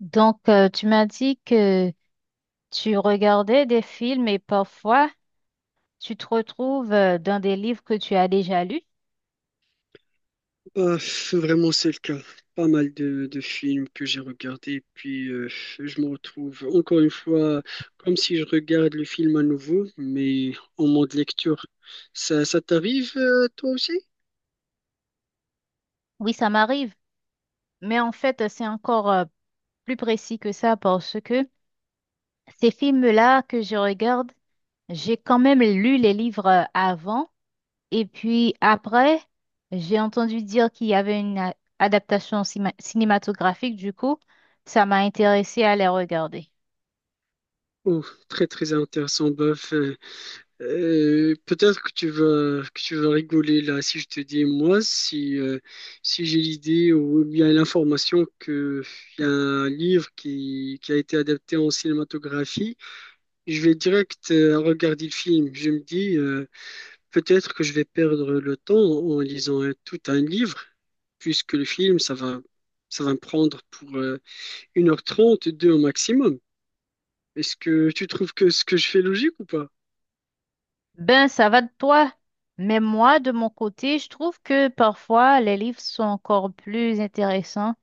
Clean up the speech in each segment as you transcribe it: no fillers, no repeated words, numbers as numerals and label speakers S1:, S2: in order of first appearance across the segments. S1: Tu m'as dit que tu regardais des films et parfois tu te retrouves dans des livres que tu as déjà lus.
S2: Euh, Vraiment, c'est le cas. Pas mal de films que j'ai regardés, et puis je me retrouve encore une fois comme si je regarde le film à nouveau, mais en mode lecture. Ça t'arrive, toi aussi?
S1: Oui, ça m'arrive, mais en fait, c'est encore plus précis que ça parce que ces films-là que je regarde, j'ai quand même lu les livres avant et puis après, j'ai entendu dire qu'il y avait une adaptation cinématographique, du coup, ça m'a intéressé à les regarder.
S2: Oh, très très intéressant, bof. Peut-être que tu vas rigoler là si je te dis moi si si j'ai l'idée ou bien l'information que il y a un livre qui a été adapté en cinématographie. Je vais direct regarder le film. Je me dis, peut-être que je vais perdre le temps en lisant tout un livre, puisque le film, ça va me prendre pour 1h30, 2 au maximum. Est-ce que tu trouves que ce que je fais est logique ou pas?
S1: Ben, ça va de toi, mais moi, de mon côté, je trouve que parfois les livres sont encore plus intéressants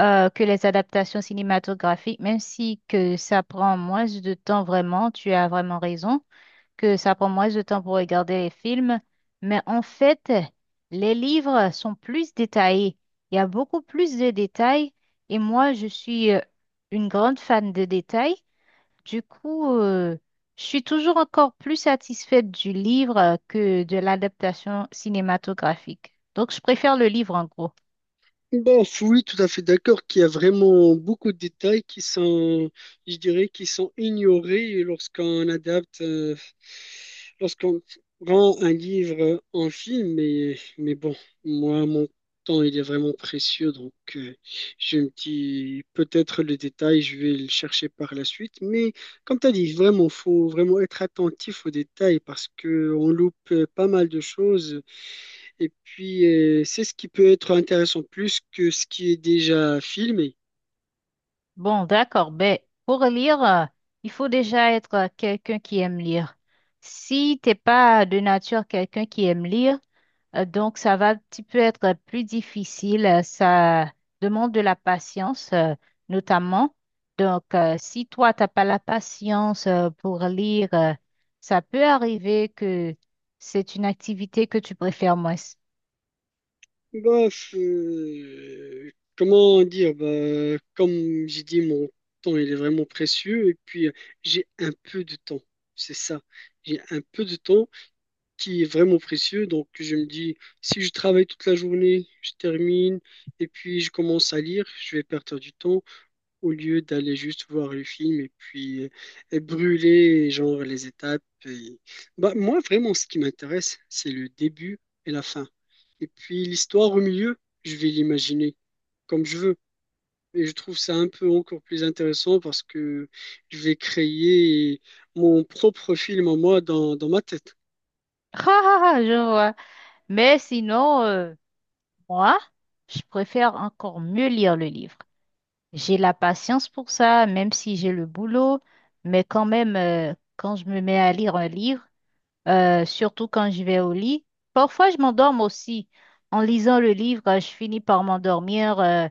S1: que les adaptations cinématographiques, même si que ça prend moins de temps vraiment, tu as vraiment raison. Que ça prend moins de temps pour regarder les films, mais en fait, les livres sont plus détaillés. Il y a beaucoup plus de détails et moi, je suis une grande fan de détails. Du coup, je suis toujours encore plus satisfaite du livre que de l'adaptation cinématographique. Donc, je préfère le livre en gros.
S2: Bon, oui, tout à fait d'accord qu'il y a vraiment beaucoup de détails qui sont, je dirais, qui sont ignorés lorsqu'on rend un livre en film. Mais bon, moi, mon temps, il est vraiment précieux, donc je me dis peut-être le détail, je vais le chercher par la suite. Mais comme tu as dit, vraiment, faut vraiment être attentif aux détails parce que on loupe pas mal de choses. Et puis, c'est ce qui peut être intéressant plus que ce qui est déjà filmé.
S1: Bon, d'accord. Ben, pour lire, il faut déjà être quelqu'un qui aime lire. Si t'es pas de nature quelqu'un qui aime lire, donc, ça va un petit peu être plus difficile. Ça demande de la patience, notamment. Donc, si toi, t'as pas la patience pour lire, ça peut arriver que c'est une activité que tu préfères moins.
S2: Bof, comment dire, bah, comme j'ai dit, mon temps, il est vraiment précieux. Et puis, j'ai un peu de temps. C'est ça. J'ai un peu de temps qui est vraiment précieux. Donc, je me dis, si je travaille toute la journée, je termine, et puis je commence à lire, je vais perdre du temps, au lieu d'aller juste voir le film et puis brûler genre les étapes. Bah, moi, vraiment, ce qui m'intéresse, c'est le début et la fin. Et puis l'histoire au milieu, je vais l'imaginer comme je veux. Et je trouve ça un peu encore plus intéressant parce que je vais créer mon propre film en moi dans ma tête.
S1: Ah, ah, ah, je vois. Mais sinon, moi, je préfère encore mieux lire le livre. J'ai la patience pour ça, même si j'ai le boulot, mais quand même, quand je me mets à lire un livre, surtout quand je vais au lit. Parfois, je m'endorme aussi. En lisant le livre, je finis par m'endormir.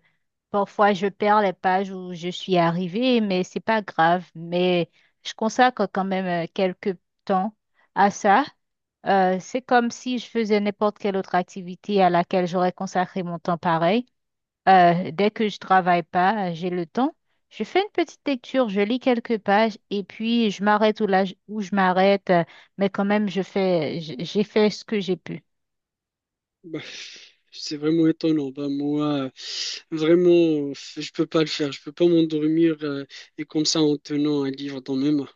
S1: Parfois, je perds les pages où je suis arrivée, mais c'est pas grave. Mais je consacre quand même quelques temps à ça. C'est comme si je faisais n'importe quelle autre activité à laquelle j'aurais consacré mon temps pareil. Dès que je travaille pas, j'ai le temps, je fais une petite lecture, je lis quelques pages et puis je m'arrête où, là, où je m'arrête, mais quand même, je fais, j'ai fait ce que j'ai pu.
S2: Bah, c'est vraiment étonnant. Bah, moi, vraiment, je peux pas le faire. Je peux pas m'endormir et comme ça en tenant un livre dans mes mains.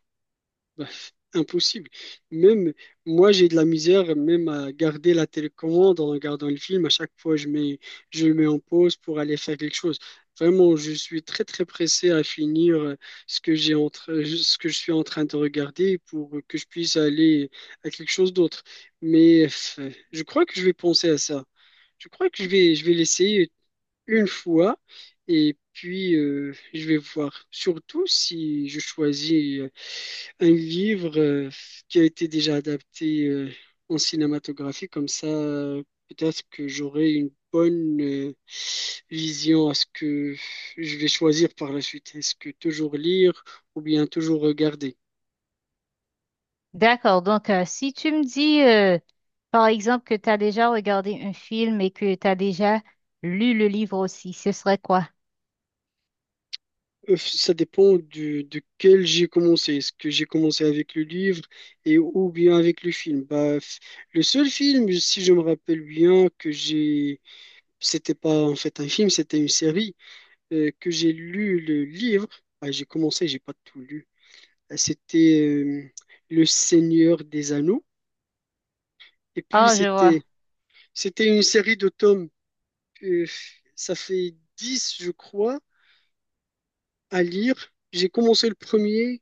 S2: Bah, impossible. Même moi, j'ai de la misère même à garder la télécommande en regardant le film. À chaque fois, je le mets en pause pour aller faire quelque chose. Vraiment, je suis très très pressé à finir ce que je suis en train de regarder pour que je puisse aller à quelque chose d'autre. Mais je crois que je vais penser à ça. Je crois que je vais l'essayer une fois et puis je vais voir. Surtout si je choisis un livre qui a été déjà adapté en cinématographie, comme ça peut-être que j'aurai une bonne vision à ce que je vais choisir par la suite. Est-ce que toujours lire ou bien toujours regarder?
S1: D'accord, donc si tu me dis, par exemple, que tu as déjà regardé un film et que tu as déjà lu le livre aussi, ce serait quoi?
S2: Ça dépend de quel j'ai commencé. Est-ce que j'ai commencé avec le livre ou bien avec le film? Bah, le seul film, si je me rappelle bien, que j'ai, c'était pas en fait un film, c'était une série, que j'ai lu le livre. Ah, j'ai commencé, j'ai pas tout lu. Ah, c'était Le Seigneur des Anneaux. Et puis
S1: Ah, je vois,
S2: c'était, c'était une série de tomes. Euh, ça fait 10, je crois, à lire. J'ai commencé le premier.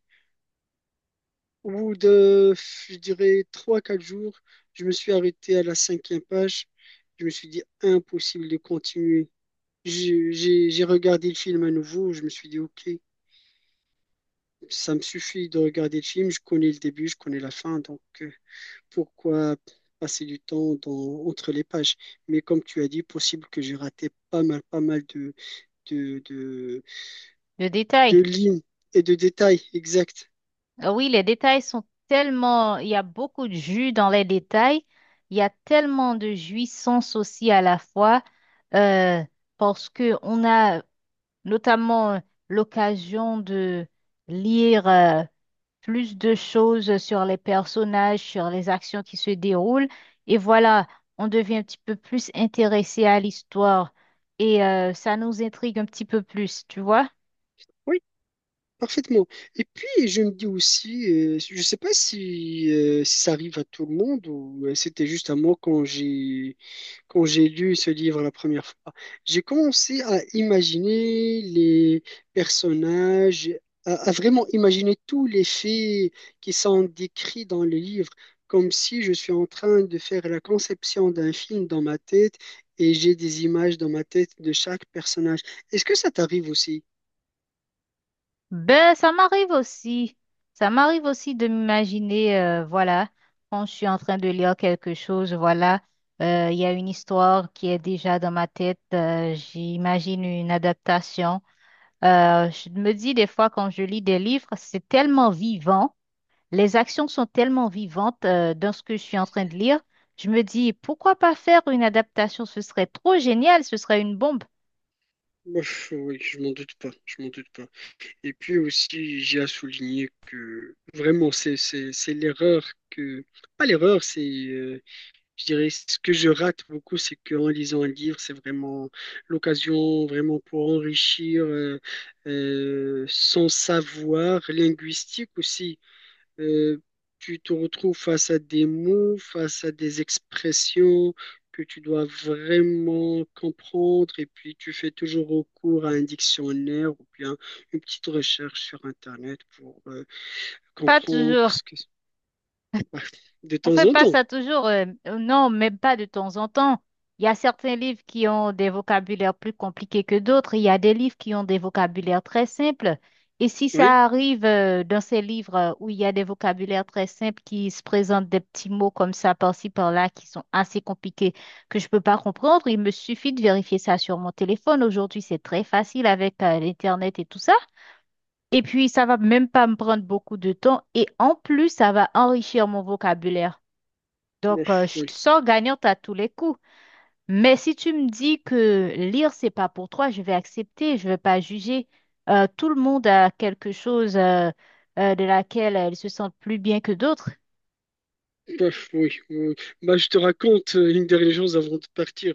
S2: Au bout de, je dirais, trois quatre jours, je me suis arrêté à la cinquième page. Je me suis dit, impossible de continuer. J'ai regardé le film à nouveau. Je me suis dit, OK, ça me suffit de regarder le film. Je connais le début, je connais la fin. Donc, pourquoi passer du temps entre les pages? Mais comme tu as dit, possible que j'ai raté pas mal de, de,
S1: le
S2: de
S1: détail.
S2: lignes et de détails exacts.
S1: Ah oui, les détails sont tellement, il y a beaucoup de jus dans les détails, il y a tellement de jouissance aussi à la fois, euh, parce que on a notamment l'occasion de lire plus de choses sur les personnages, sur les actions qui se déroulent, et voilà, on devient un petit peu plus intéressé à l'histoire et ça nous intrigue un petit peu plus, tu vois?
S2: Oui, parfaitement. Et puis, je me dis aussi, je ne sais pas si, si ça arrive à tout le monde ou c'était juste à moi quand j'ai lu ce livre la première fois. J'ai commencé à imaginer les personnages, à vraiment imaginer tous les faits qui sont décrits dans le livre, comme si je suis en train de faire la conception d'un film dans ma tête et j'ai des images dans ma tête de chaque personnage. Est-ce que ça t'arrive aussi?
S1: Ben, ça m'arrive aussi. Ça m'arrive aussi de m'imaginer, voilà, quand je suis en train de lire quelque chose, voilà, il y a une histoire qui est déjà dans ma tête. J'imagine une adaptation. Je me dis des fois quand je lis des livres, c'est tellement vivant, les actions sont tellement vivantes, dans ce que je suis en train de lire. Je me dis, pourquoi pas faire une adaptation? Ce serait trop génial, ce serait une bombe.
S2: Ouf, oui, je m'en doute pas. Et puis aussi, j'ai à souligner que vraiment, c'est l'erreur que... Pas l'erreur, c'est... je dirais, ce que je rate beaucoup, c'est qu'en lisant un livre, c'est vraiment l'occasion vraiment pour enrichir son savoir linguistique aussi. Euh, tu te retrouves face à des mots, face à des expressions que tu dois vraiment comprendre et puis tu fais toujours recours à un dictionnaire ou bien une petite recherche sur Internet pour
S1: Pas
S2: comprendre
S1: toujours.
S2: ce que... Ouais. De
S1: On
S2: temps
S1: fait
S2: en
S1: pas
S2: temps,
S1: ça toujours, non, même pas de temps en temps. Il y a certains livres qui ont des vocabulaires plus compliqués que d'autres. Il y a des livres qui ont des vocabulaires très simples. Et si
S2: oui.
S1: ça arrive dans ces livres où il y a des vocabulaires très simples qui se présentent des petits mots comme ça par-ci par-là qui sont assez compliqués que je peux pas comprendre, il me suffit de vérifier ça sur mon téléphone. Aujourd'hui, c'est très facile avec l'Internet et tout ça. Et puis, ça va même pas me prendre beaucoup de temps. Et en plus, ça va enrichir mon vocabulaire.
S2: Bon,
S1: Donc, je
S2: oui.
S1: sors gagnante à tous les coups. Mais si tu me dis que lire, c'est pas pour toi, je vais accepter, je vais pas juger. Tout le monde a quelque chose de laquelle il se sent plus bien que d'autres.
S2: Bof, oui, oui. Bah, je te raconte une dernière chose avant de partir.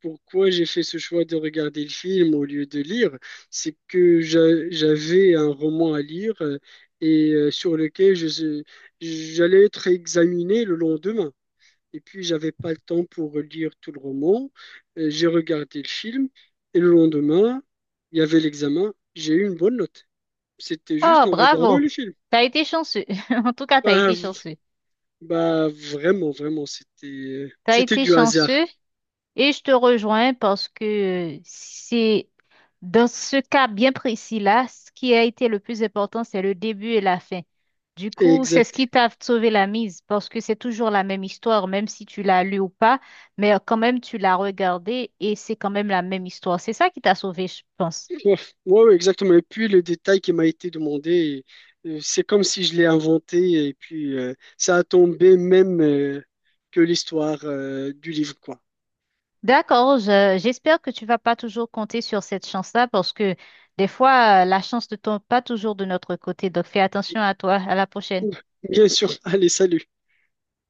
S2: Pourquoi j'ai fait ce choix de regarder le film au lieu de lire, c'est que j'avais un roman à lire sur lequel j'allais être examiné le lendemain. Et puis, j'avais pas le temps pour lire tout le roman. J'ai regardé le film et le lendemain, il y avait l'examen. J'ai eu une bonne note. C'était
S1: Oh,
S2: juste en regardant
S1: bravo!
S2: le film.
S1: T'as été chanceux. En tout cas, t'as
S2: Bah,
S1: été chanceux.
S2: bah, vraiment, vraiment, c'était
S1: T'as
S2: c'était
S1: été
S2: du hasard.
S1: chanceux. Et je te rejoins parce que c'est dans ce cas bien précis-là, ce qui a été le plus important, c'est le début et la fin. Du coup, c'est ce
S2: Exact.
S1: qui t'a sauvé la mise parce que c'est toujours la même histoire, même si tu l'as lu ou pas, mais quand même tu l'as regardée et c'est quand même la même histoire. C'est ça qui t'a sauvé, je pense.
S2: Ouais, ouais, exactement. Et puis le détail qui m'a été demandé, c'est comme si je l'ai inventé et puis ça a tombé même que l'histoire du livre, quoi.
S1: D'accord, j'espère que tu vas pas toujours compter sur cette chance-là parce que des fois, la chance ne tombe pas toujours de notre côté. Donc fais attention à toi. À la prochaine.
S2: Bien sûr. Allez, salut.